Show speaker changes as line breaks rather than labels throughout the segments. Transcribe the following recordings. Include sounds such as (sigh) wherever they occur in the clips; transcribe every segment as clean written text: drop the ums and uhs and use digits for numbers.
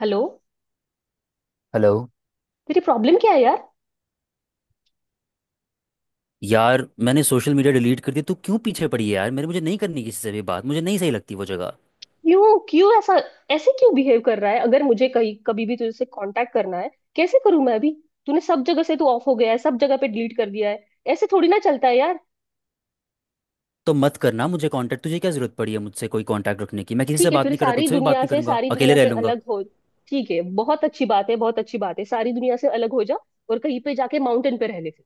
Hello.
Hello.
तेरी problem क्या है यार?
यार, मैंने सोशल मीडिया डिलीट कर दिया। तू क्यों पीछे पड़ी है यार? मेरे मुझे नहीं करनी किसी से भी बात। मुझे नहीं सही लगती वो जगह।
क्यों क्यों ऐसा? ऐसे क्यों बिहेव कर रहा है? अगर मुझे कहीं कभी भी तुझसे कांटेक्ट करना है कैसे करूं मैं अभी? तूने सब जगह से तू ऑफ हो गया है, सब जगह पे डिलीट कर दिया है। ऐसे थोड़ी ना चलता है यार।
तो मत करना मुझे कांटेक्ट। तुझे क्या जरूरत पड़ी है मुझसे कोई कांटेक्ट रखने की? मैं किसी से
ठीक है,
बात
फिर
नहीं कर रहा,
सारी
तुझसे भी बात
दुनिया
नहीं
से
करूंगा,
सारी
अकेले
दुनिया
रह
से
लूंगा।
अलग हो। ठीक है, बहुत अच्छी बात है, बहुत अच्छी बात है। सारी दुनिया से अलग हो जा और कहीं पे जाके माउंटेन पे रह ले फिर।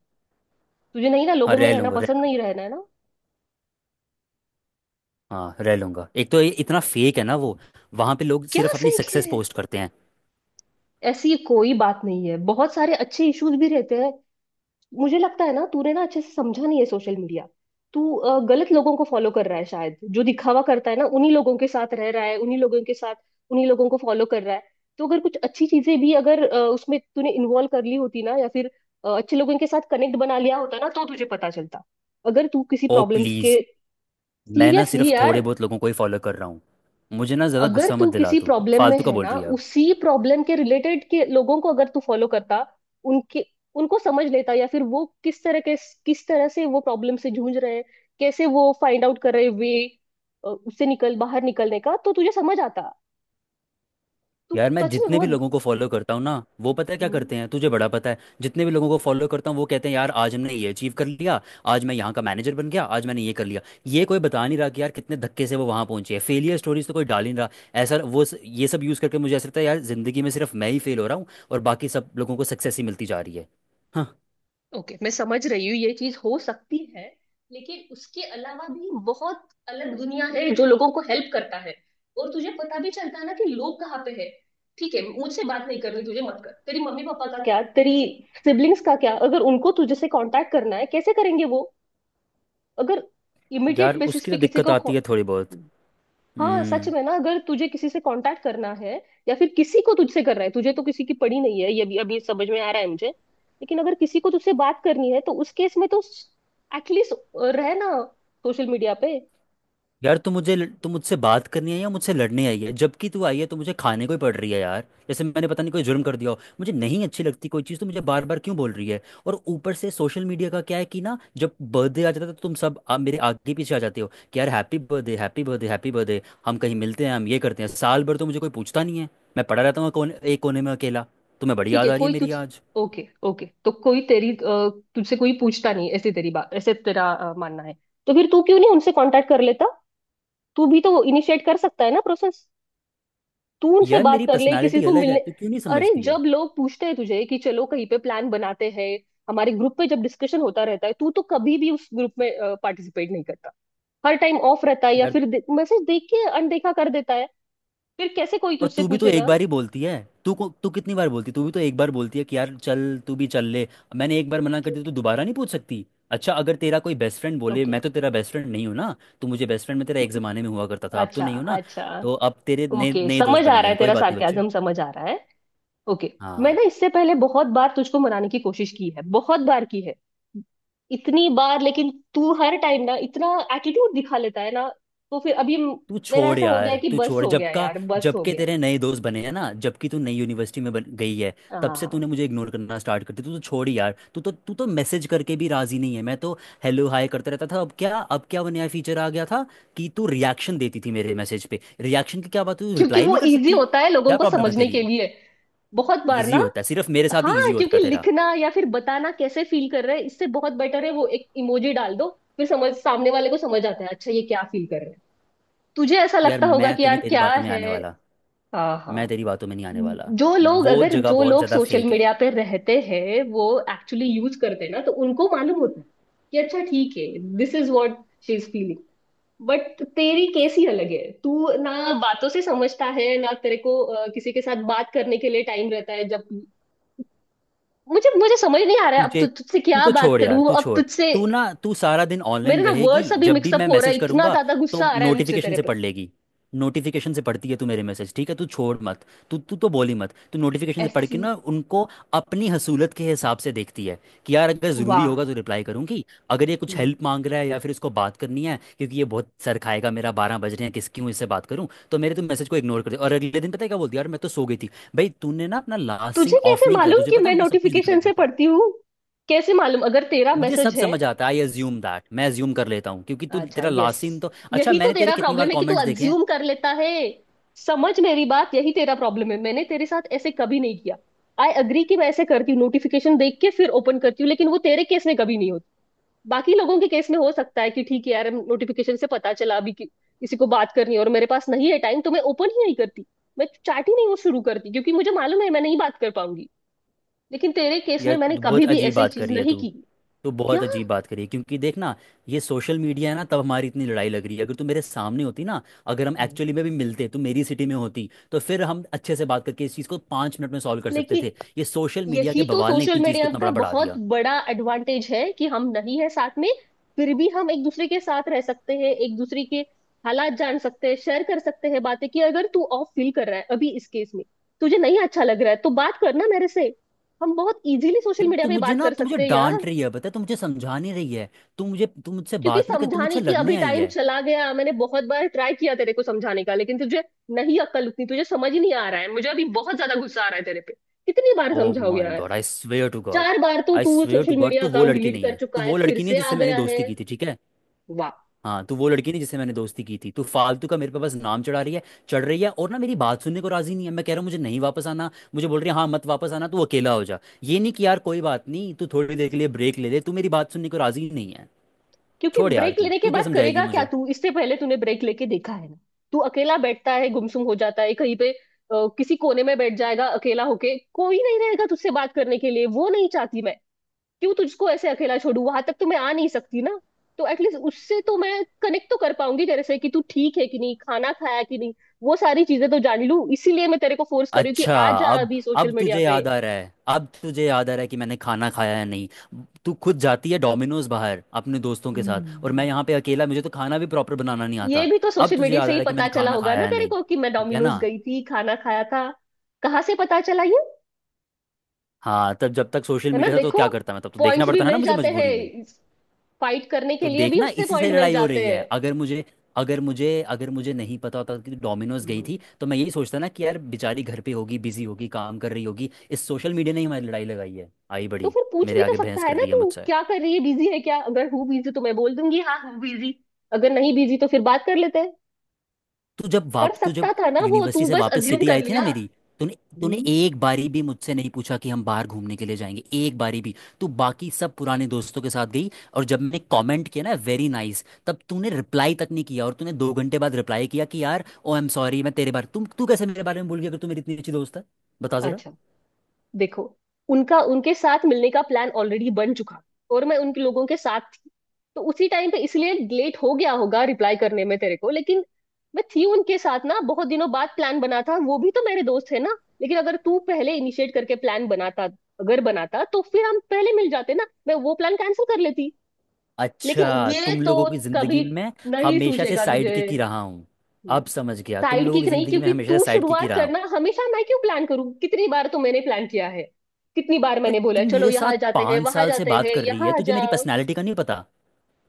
तुझे नहीं ना,
हाँ,
लोगों में
रह
रहना
लूंगा, रह
पसंद नहीं,
लूंगा।
रहना है ना?
हाँ, रह लूंगा। एक तो ये इतना फेक है ना वो। वहाँ पे लोग
क्या
सिर्फ अपनी
फेक
सक्सेस
है?
पोस्ट करते हैं।
ऐसी कोई बात नहीं है, बहुत सारे अच्छे इश्यूज भी रहते हैं। मुझे लगता है ना तूने ना अच्छे से समझा नहीं है सोशल मीडिया। तू गलत लोगों को फॉलो कर रहा है शायद, जो दिखावा करता है ना उन्हीं लोगों के साथ रह रहा है, उन्हीं लोगों के साथ उन्हीं लोगों को फॉलो कर रहा है। तो अगर कुछ अच्छी चीजें भी, अगर उसमें तूने इन्वॉल्व कर ली होती ना, या फिर अच्छे लोगों के साथ कनेक्ट बना लिया होता ना, तो तुझे पता चलता। अगर तू किसी
ओ
प्रॉब्लम्स
प्लीज़!
के,
मैं ना
सीरियसली
सिर्फ थोड़े
यार।
बहुत लोगों को ही फॉलो कर रहा हूँ। मुझे ना ज़्यादा
अगर
गुस्सा मत
तू
दिला,
किसी
तू
प्रॉब्लम में
फालतू का
है
बोल
ना,
रही है अब।
उसी प्रॉब्लम के रिलेटेड के लोगों को अगर तू फॉलो करता, उनके उनको समझ लेता, या फिर वो किस तरह से वो प्रॉब्लम से जूझ रहे हैं, कैसे वो फाइंड आउट कर रहे वे उससे निकल बाहर निकलने का, तो तुझे समझ आता। तू
यार, मैं
सच में
जितने भी
बहुत।
लोगों को फॉलो करता हूँ ना, वो पता है क्या
हम्म।
करते हैं? तुझे बड़ा पता है। जितने भी लोगों को फॉलो करता हूँ वो कहते हैं, यार आज हमने ये अचीव कर लिया, आज मैं यहाँ का मैनेजर बन गया, आज मैंने ये कर लिया। ये कोई बता नहीं रहा कि यार कितने धक्के से वो वहाँ पहुंचे है। फेलियर स्टोरीज तो कोई डाल ही नहीं रहा। ऐसा वो ये सब यूज़ करके मुझे ऐसा लगता है यार, ज़िंदगी में सिर्फ मैं ही फेल हो रहा हूँ और बाकी सब लोगों को सक्सेस ही मिलती जा रही है। हाँ।
ओके, मैं समझ रही हूँ ये चीज हो सकती है। लेकिन उसके अलावा भी बहुत अलग दुनिया है जो लोगों को हेल्प करता है। और तुझे पता भी चलता है ना कि लोग कहाँ पे है। ठीक है, मुझसे बात नहीं करनी तुझे मत कर। तेरी मम्मी पापा का क्या, तेरी सिबलिंग्स का क्या, अगर उनको तुझे से कांटेक्ट करना है कैसे करेंगे वो? अगर
यार
इमीडिएट बेसिस
उसकी
पे
तो
किसी
दिक्कत
को।
आती है थोड़ी बहुत।
हाँ सच
हम्म।
में ना, अगर तुझे किसी से कांटेक्ट करना है, या फिर किसी को तुझसे कर रहा है, तुझे तो किसी की पड़ी नहीं है, ये भी अभी समझ में आ रहा है मुझे। लेकिन अगर किसी को तुझसे बात करनी है तो उस केस में तो एटलीस्ट रहे ना सोशल मीडिया पे।
यार तू मुझसे बात करनी है या मुझसे लड़ने आई है? जबकि तू आई है तो मुझे खाने को ही पड़ रही है यार, जैसे मैंने पता नहीं कोई जुर्म कर दिया हो। मुझे नहीं अच्छी लगती कोई चीज़, तो मुझे बार बार क्यों बोल रही है? और ऊपर से सोशल मीडिया का क्या है कि ना, जब बर्थडे आ जाता है तो तुम सब मेरे आगे पीछे आ जाते हो कि यार happy birthday, happy birthday, happy birthday, हम कहीं मिलते हैं, हम ये करते हैं। साल भर तो मुझे कोई पूछता नहीं है। मैं पड़ा रहता हूँ कोने एक कोने में, अकेला। तुम्हें बड़ी
ठीक
याद
है,
आ रही है
कोई तुझ।
मेरी आज।
ओके ओके, तो कोई तेरी तुझसे कोई पूछता नहीं, ऐसी तेरी बात, ऐसे तेरा मानना है। तो फिर तू क्यों नहीं उनसे कांटेक्ट कर लेता? तू भी तो इनिशिएट कर सकता है ना प्रोसेस। तू उनसे
यार
बात
मेरी
कर ले किसी
पर्सनैलिटी
को
अलग है,
मिलने।
तू क्यों नहीं
अरे
समझती है?
जब लोग पूछते हैं तुझे कि चलो कहीं पे प्लान बनाते हैं, हमारे ग्रुप पे जब डिस्कशन होता रहता है, तू तो कभी भी उस ग्रुप में पार्टिसिपेट नहीं करता। हर टाइम ऑफ रहता है, या
यार
फिर मैसेज देख के अनदेखा कर देता है। फिर कैसे कोई
और
तुझसे
तू भी तो एक
पूछेगा?
बार ही बोलती है। तू कितनी बार बोलती है? तू भी तो एक बार बोलती है कि यार चल, तू भी चल ले। मैंने एक बार मना कर दिया तो दोबारा नहीं पूछ सकती? अच्छा, अगर तेरा कोई बेस्ट फ्रेंड बोले।
ओके।
मैं तो तेरा बेस्ट फ्रेंड नहीं हूँ ना। तू मुझे बेस्ट फ्रेंड में तेरा एक
(laughs)
ज़माने में हुआ करता था, अब तो
अच्छा।
नहीं हो ना।
अच्छा।
तो अब तेरे नए
ओके,
नए दोस्त
समझ
बन
आ
गए
रहा है,
हैं, कोई
तेरा
बात नहीं बच्चे।
सार्केज्म समझ आ रहा है। ओके। मैं
हाँ,
ना इससे पहले बहुत बार तुझको मनाने की कोशिश की है, बहुत बार की है, इतनी बार। लेकिन तू हर टाइम ना इतना एटीट्यूड दिखा लेता है ना, तो फिर अभी म-।
तू
मेरा
छोड़
ऐसा हो गया
यार,
है कि
तू
बस
छोड़
हो
जब
गया
का।
यार, बस
जब
हो
के
गया।
तेरे नए दोस्त बने हैं ना, जबकि तू नई यूनिवर्सिटी में बन गई है, तब से
हाँ
तूने मुझे इग्नोर करना स्टार्ट कर दिया। तू तो छोड़ यार, तू तो मैसेज करके भी राजी नहीं है। मैं तो हेलो हाय करता रहता था। अब क्या वो नया फीचर आ गया था कि तू रिएक्शन देती थी मेरे मैसेज पे। रिएक्शन की क्या बात, तू
क्योंकि
रिप्लाई
वो
नहीं कर
इजी
सकती?
होता है लोगों
क्या
को
प्रॉब्लम है
समझने
तेरी?
के लिए, बहुत बार
ईजी
ना।
होता है, सिर्फ मेरे साथ ही ईजी
हाँ
होता
क्योंकि
है तेरा।
लिखना, या फिर बताना कैसे फील कर रहे हैं, इससे बहुत बेटर है वो एक इमोजी डाल दो। फिर समझ सामने वाले को समझ आता है, अच्छा ये क्या फील कर रहे हैं। तुझे ऐसा
यार
लगता होगा
मैं
कि
तो नहीं
यार
तेरी
क्या
बातों में आने
है।
वाला।
हाँ
मैं
हाँ।
तेरी बातों में नहीं आने वाला।
जो लोग
वो
अगर
जगह
जो
बहुत
लोग
ज़्यादा
सोशल
फेक है।
मीडिया पे रहते हैं, वो एक्चुअली यूज करते हैं ना, तो उनको मालूम होता है कि अच्छा ठीक है, this is what she is feeling. But तेरी केस ही अलग है, तू ना बातों से समझता है ना तेरे को, किसी के साथ बात करने के लिए टाइम रहता है जब। मुझे मुझे समझ नहीं आ रहा है, अब
तुझे।
तुझसे
तू
क्या
तो
बात
छोड़ यार,
करूं
तू
अब
छोड़।
तुझसे।
तू सारा दिन
मेरे
ऑनलाइन
ना
रहेगी।
वर्ड्स अभी
जब भी मैं
मिक्सअप हो रहा
मैसेज
है, इतना
करूंगा
ज्यादा
तो
गुस्सा आ रहा है मुझसे
नोटिफिकेशन
तेरे
से पढ़
पे।
लेगी। नोटिफिकेशन से पढ़ती है तू मेरे मैसेज, ठीक है? तू छोड़ मत। तू तू तो बोली मत। तू नोटिफिकेशन से पढ़
ऐसी।
के ना उनको अपनी हसूलत के हिसाब से देखती है कि यार अगर ज़रूरी
वाह।
होगा तो रिप्लाई करूंगी, अगर ये कुछ
हम्म।
हेल्प मांग रहा है या फिर इसको बात करनी है क्योंकि ये बहुत सर खाएगा मेरा, बारह बज रहे हैं, किस क्यों इससे बात करूं, तो मेरे तो मैसेज को इग्नोर कर दे। और अगले दिन पता है क्या बोलती है? यार मैं तो सो गई थी। भाई, तूने ना अपना लास्ट सीन
तुझे
ऑफ
कैसे
नहीं किया,
मालूम
तुझे
कि
पता है
मैं
मुझे सब कुछ दिखाई
नोटिफिकेशन से
देता है।
पढ़ती हूँ? कैसे मालूम अगर तेरा
मुझे सब
मैसेज है?
समझ आता है, आई अज्यूम दैट, मैं अज्यूम कर लेता हूँ क्योंकि तू
अच्छा
तेरा
यस।
लास्ट सीन तो, अच्छा
यही तो
मैंने तेरे
तेरा
कितनी बार
प्रॉब्लम है कि तू
कमेंट्स देखे हैं।
अज्यूम कर लेता है। समझ मेरी बात, यही तेरा प्रॉब्लम है, मैंने तेरे साथ ऐसे कभी नहीं किया। आई अग्री कि मैं ऐसे करती हूँ, नोटिफिकेशन देख के फिर ओपन करती हूँ, लेकिन वो तेरे केस में कभी नहीं होती। बाकी लोगों के केस में हो सकता है कि ठीक है यार, नोटिफिकेशन से पता चला अभी कि किसी को बात करनी है और मेरे पास नहीं है टाइम, तो मैं ओपन ही नहीं करती। मैं चैट ही नहीं वो शुरू करती, क्योंकि मुझे मालूम है मैं नहीं बात कर पाऊंगी। लेकिन तेरे केस में
यार
मैंने
तू बहुत
कभी भी
अजीब
ऐसी
बात कर
चीज
रही है।
नहीं
तू
की।
तू
क्या?
बहुत अजीब बात करी है क्योंकि देख ना, ये सोशल मीडिया है ना, तब हमारी इतनी लड़ाई लग रही है। अगर तू मेरे सामने होती ना, अगर हम
हम्म।
एक्चुअली में भी मिलते, तू मेरी सिटी में होती, तो फिर हम अच्छे से बात करके इस चीज़ को पाँच मिनट में सॉल्व कर सकते
लेकिन
थे। ये सोशल मीडिया के
यही तो
बवाल ने
सोशल
इतनी चीज़ को
मीडिया
इतना
का
बड़ा बढ़ा
बहुत
दिया।
बड़ा एडवांटेज है कि हम नहीं है साथ में, फिर भी हम एक दूसरे के साथ रह सकते हैं, एक दूसरे के हालात जान सकते हैं, शेयर कर सकते हैं बातें। कि अगर तू ऑफ फील कर रहा है अभी इस केस में, तुझे नहीं अच्छा लग रहा है, तो बात करना मेरे से। हम बहुत इजीली सोशल
फिर
मीडिया
तू
पे
मुझे
बात
ना,
कर
तू मुझे
सकते हैं यार।
डांट रही है पता है, तू मुझे समझा नहीं रही है। तू मुझसे
क्योंकि
बात नहीं कर, तू
समझाने
मुझसे
की अभी
लड़ने आई
टाइम
है।
चला गया, मैंने बहुत बार ट्राई किया तेरे को समझाने का, लेकिन तुझे नहीं अक्ल उतनी, तुझे समझ ही नहीं आ रहा है। मुझे अभी बहुत ज्यादा गुस्सा आ रहा है तेरे पे। कितनी बार
ओ
समझाऊं
माय
यार?
God! I swear to God.
4 बार तो
आई
तू
swear to
social
God,
media
तू वो
अकाउंट
लड़की
डिलीट
नहीं
कर
है, तू
चुका है,
वो
फिर
लड़की नहीं है
से आ
जिससे मैंने
गया है।
दोस्ती की थी, ठीक है?
वाह।
हाँ, तू वो लड़की नहीं जिससे मैंने दोस्ती की थी। तू फालतू का मेरे पे बस नाम चढ़ा रही है, चढ़ रही है और ना मेरी बात सुनने को राजी नहीं है। मैं कह रहा हूँ मुझे नहीं वापस आना, मुझे बोल रही है हाँ मत वापस आना, तू अकेला हो जा। ये नहीं कि यार कोई बात नहीं, तू थोड़ी देर के लिए ब्रेक ले ले। तू मेरी बात सुनने को राजी नहीं है।
क्योंकि
छोड़ यार,
ब्रेक
तू
लेने के
तू क्या
बाद
समझाएगी
करेगा क्या
मुझे।
तू? इससे पहले तूने ब्रेक लेके देखा है ना। तू अकेला बैठता है, गुमसुम हो जाता है कहीं पे, किसी कोने में बैठ जाएगा अकेला होके, कोई नहीं रहेगा तुझसे बात करने के लिए। वो नहीं चाहती मैं। क्यों तुझको ऐसे अकेला छोड़ू, वहां तक तो मैं आ नहीं सकती ना। तो एटलीस्ट उससे तो मैं कनेक्ट तो कर पाऊंगी तेरे से, कि तू ठीक है कि नहीं, खाना खाया कि नहीं, वो सारी चीजें तो जान लूं। इसीलिए मैं तेरे को फोर्स कर रही हूँ कि
अच्छा।
आ जा
अब
अभी सोशल
अब
मीडिया
तुझे
पे।
याद आ रहा है, अब तुझे याद आ रहा है कि मैंने खाना खाया है नहीं। तू खुद जाती है डोमिनोज बाहर अपने दोस्तों के साथ और मैं
हम्म।
यहाँ पे अकेला, मुझे तो खाना भी प्रॉपर बनाना नहीं
ये
आता।
भी तो
अब
सोशल
तुझे
मीडिया
याद
से
आ रहा
ही
है कि
पता
मैंने
चला
खाना
होगा
खाया
ना
है
तेरे
नहीं,
को कि मैं
ठीक है
डोमिनोज
ना?
गई थी, खाना खाया था। कहाँ से पता चला ये?
हाँ, तब जब तक सोशल
है ना,
मीडिया था तो
देखो,
क्या करता मैं, तब तो देखना
पॉइंट्स भी
पड़ता है ना
मिल
मुझे
जाते
मजबूरी में।
हैं, फाइट करने के
तो
लिए भी
देखना,
उससे
इसी से
पॉइंट मिल
लड़ाई हो
जाते
रही है। अगर मुझे, अगर मुझे नहीं पता होता कि डोमिनोज गई
हैं।
थी, तो मैं यही सोचता ना कि यार बेचारी घर पे होगी, बिजी होगी, काम कर रही होगी। इस सोशल मीडिया ने ही हमारी लड़ाई लगाई है। आई
तो
बड़ी
फिर पूछ
मेरे
भी तो
आगे
सकता
बहस
है
कर
ना,
रही है
तू
मुझसे।
क्या कर रही है, बिजी है क्या? अगर हूँ बिजी तो मैं बोल दूंगी हाँ हूँ बिजी, अगर नहीं बिजी तो फिर बात कर लेते हैं।
तू जब
कर
वाप तू
सकता
जब
था ना वो, तू
यूनिवर्सिटी से
बस
वापस
अज्यूम
सिटी
कर
आई थी ना
लिया।
मेरी, तूने तूने
हम्म।
एक बारी भी मुझसे नहीं पूछा कि हम बाहर घूमने के लिए जाएंगे, एक बारी भी। तू बाकी सब पुराने दोस्तों के साथ गई और जब मैंने कमेंट किया ना वेरी नाइस, तब तूने रिप्लाई तक नहीं किया। और तूने दो घंटे बाद रिप्लाई किया कि यार ओ आई एम सॉरी, मैं तेरे बारे तुम तू कैसे मेरे बारे में भूल गया अगर तू मेरी इतनी अच्छी दोस्त है? बता जरा।
अच्छा देखो, उनका उनके साथ मिलने का प्लान ऑलरेडी बन चुका, और मैं उनके लोगों के साथ थी, तो उसी टाइम पे इसलिए लेट हो गया होगा रिप्लाई करने में तेरे को। लेकिन मैं थी उनके साथ ना, बहुत दिनों बाद प्लान बना था, वो भी तो मेरे दोस्त है ना। लेकिन अगर तू पहले इनिशिएट करके प्लान बनाता, अगर बनाता तो फिर हम पहले मिल जाते ना, मैं वो प्लान कैंसिल कर लेती। लेकिन
अच्छा,
ये
तुम
तो
लोगों की जिंदगी
कभी
में
नहीं
हमेशा से
सूझेगा
साइड
तुझे।
किक ही रहा हूँ। अब समझ गया, तुम
साइड
लोगों की
किक नहीं,
जिंदगी में
क्योंकि
हमेशा से
तू
साइड किक ही
शुरुआत
रहा हूँ।
करना, हमेशा मैं क्यों प्लान करूं? कितनी बार तो मैंने प्लान किया है, कितनी बार
यार
मैंने
तू
बोला चलो
मेरे साथ
यहाँ जाते हैं,
पाँच
वहां
साल से
जाते
बात
हैं,
कर रही है,
यहाँ आ
तुझे
जा।
मेरी पर्सनालिटी का नहीं पता।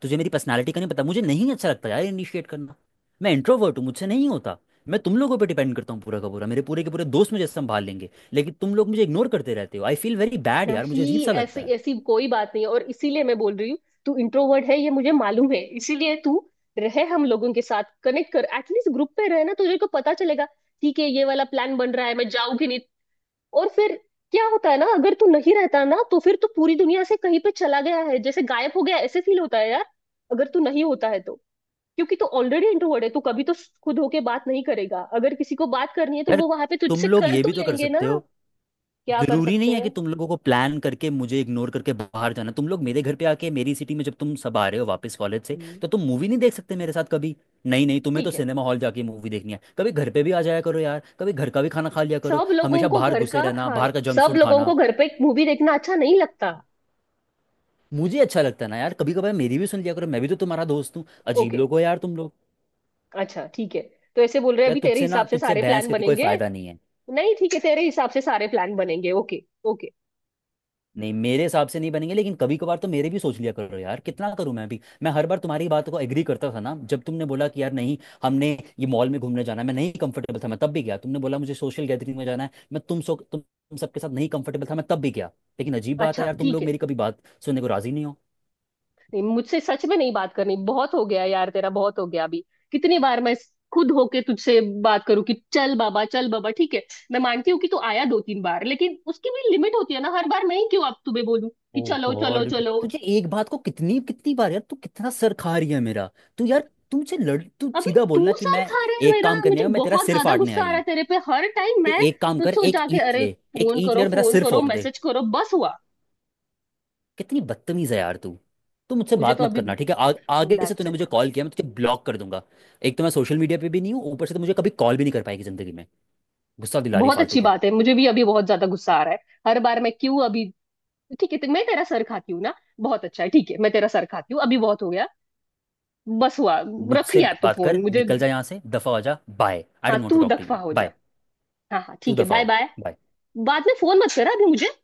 तुझे मेरी पर्सनालिटी का नहीं पता, मुझे नहीं अच्छा लगता यार इनिशिएट करना। मैं इंट्रोवर्ट हूँ, मुझसे नहीं होता। मैं तुम लोगों पे डिपेंड करता हूँ पूरा का पूरा, मेरे पूरे के पूरे दोस्त मुझे संभाल लेंगे, लेकिन तुम लोग मुझे इग्नोर करते रहते हो। आई फील वेरी बैड यार, मुझे अजीब
नहीं,
सा लगता
ऐसी
है।
ऐसी कोई बात नहीं है, और इसीलिए मैं बोल रही हूँ। तू इंट्रोवर्ट है ये मुझे मालूम है, इसीलिए तू रहे हम लोगों के साथ, कनेक्ट कर, एटलीस्ट ग्रुप पे रहे ना, तुझे को पता चलेगा। ठीक है ये वाला प्लान बन रहा है मैं जाऊंगी नहीं, और फिर क्या होता है ना, अगर तू नहीं रहता ना, तो फिर तू पूरी दुनिया से कहीं पे चला गया है, जैसे गायब हो गया, ऐसे फील होता है यार। अगर तू नहीं होता है, तो क्योंकि तू ऑलरेडी इंट्रोवर्ट है, तू कभी तो खुद होके बात नहीं करेगा, अगर किसी को बात करनी है तो
यार
वो वहां पे
तुम
तुझसे
लोग
कर
ये
तो
भी तो कर
लेंगे ना।
सकते हो।
क्या कर
जरूरी
सकते
नहीं है
हैं?
कि तुम लोगों को प्लान करके मुझे इग्नोर करके बाहर जाना। तुम लोग मेरे घर पे आके, मेरी सिटी में जब तुम सब आ रहे हो वापस कॉलेज से,
हम्म,
तो तुम मूवी नहीं देख सकते मेरे साथ कभी? नहीं नहीं, तुम्हें तो
ठीक है।
सिनेमा हॉल जाके मूवी देखनी है। कभी घर पे भी आ जाया करो यार, कभी घर का भी खाना खा लिया करो।
सब लोगों
हमेशा
को
बाहर
घर
घुसे
का
रहना,
खाना,
बाहर का जंक
सब
फूड
लोगों
खाना।
को घर पे मूवी देखना अच्छा नहीं लगता।
मुझे अच्छा लगता है ना यार, कभी कभार मेरी भी सुन लिया करो, मैं भी तो तुम्हारा दोस्त हूँ। अजीब
ओके,
लोग हो यार तुम लोग।
अच्छा ठीक है, तो ऐसे बोल रहे हैं,
यार
अभी तेरे
तुझसे ना,
हिसाब से
तुझसे
सारे
बहस
प्लान
करके कोई
बनेंगे।
फायदा नहीं है।
नहीं ठीक है, तेरे हिसाब से सारे प्लान बनेंगे, ओके ओके।
नहीं, मेरे हिसाब से नहीं बनेंगे, लेकिन कभी कभार तो मेरे भी सोच लिया करो यार। कितना करूं मैं भी! मैं हर बार तुम्हारी बात को एग्री करता था ना, जब तुमने बोला कि यार नहीं, हमने ये मॉल में घूमने जाना है, मैं नहीं कंफर्टेबल था, मैं तब भी गया। तुमने बोला मुझे सोशल गैदरिंग में जाना है, मैं तुम सो तुम सबके साथ नहीं कंफर्टेबल था, मैं तब भी गया। लेकिन अजीब बात है
अच्छा
यार, तुम
ठीक
लोग
है,
मेरी कभी बात सुनने को राजी नहीं हो।
नहीं मुझसे सच में नहीं बात करनी, बहुत हो गया यार, तेरा बहुत हो गया अभी। कितनी बार मैं खुद होके तुझसे बात करूं कि चल बाबा चल बाबा, ठीक है मैं मानती हूँ कि तू आया दो तीन बार, लेकिन उसकी भी लिमिट होती है ना, हर बार मैं ही क्यों अब तुम्हें बोलूं कि
ओ
चलो चलो
गॉड!
चलो।
तुझे एक बात को कितनी कितनी बार यार, तू कितना सर खा रही है मेरा। तू यार तुमसे लड़ तू
अभी
सीधा
तू
बोलना कि
सर
मैं
खा रहे है
एक
मेरा,
काम करने
मुझे
आया हूं, मैं तेरा
बहुत
सिर
ज्यादा
फाड़ने
गुस्सा आ
आई
रहा
हूँ।
है तेरे पे, हर टाइम
तू
मैं
एक काम कर,
तुझसे
एक
जाके
ईंट
अरे
ले, एक
फोन
ईंट
करो,
ले और मेरा
फोन
सिर
करो,
फोड़ दे।
मैसेज करो, बस हुआ।
कितनी बदतमीज है यार तू! तू मुझसे
मुझे
बात
तो
मत
अभी
करना, ठीक है? आगे से
दैट्स
तूने
इट।
मुझे कॉल किया मैं तुझे ब्लॉक कर दूंगा। एक तो मैं सोशल मीडिया पे भी नहीं हूँ, ऊपर से तो मुझे कभी कॉल भी नहीं कर पाएगी जिंदगी में। गुस्सा दिला रही है
बहुत
फालतू
अच्छी
का।
बात है, मुझे भी अभी बहुत ज्यादा गुस्सा आ रहा है। हर बार मैं क्यों अभी? ठीक है, तो मैं तेरा सर खाती हूँ ना, बहुत अच्छा है, ठीक है मैं तेरा सर खाती हूँ, अभी बहुत हो गया, बस हुआ। रख
मुझसे मत
यार तू
बात
फोन
कर,
मुझे।
निकल जा यहाँ से, दफा हो जा। बाय! आई
हाँ
डोंट वांट टू
तू
टॉक टू
दफा
यू।
हो जा।
बाय!
हाँ हाँ
तू
ठीक है,
दफा
बाय
हो।
बाय।
Bye.
बाद में फोन मत करा अभी मुझे।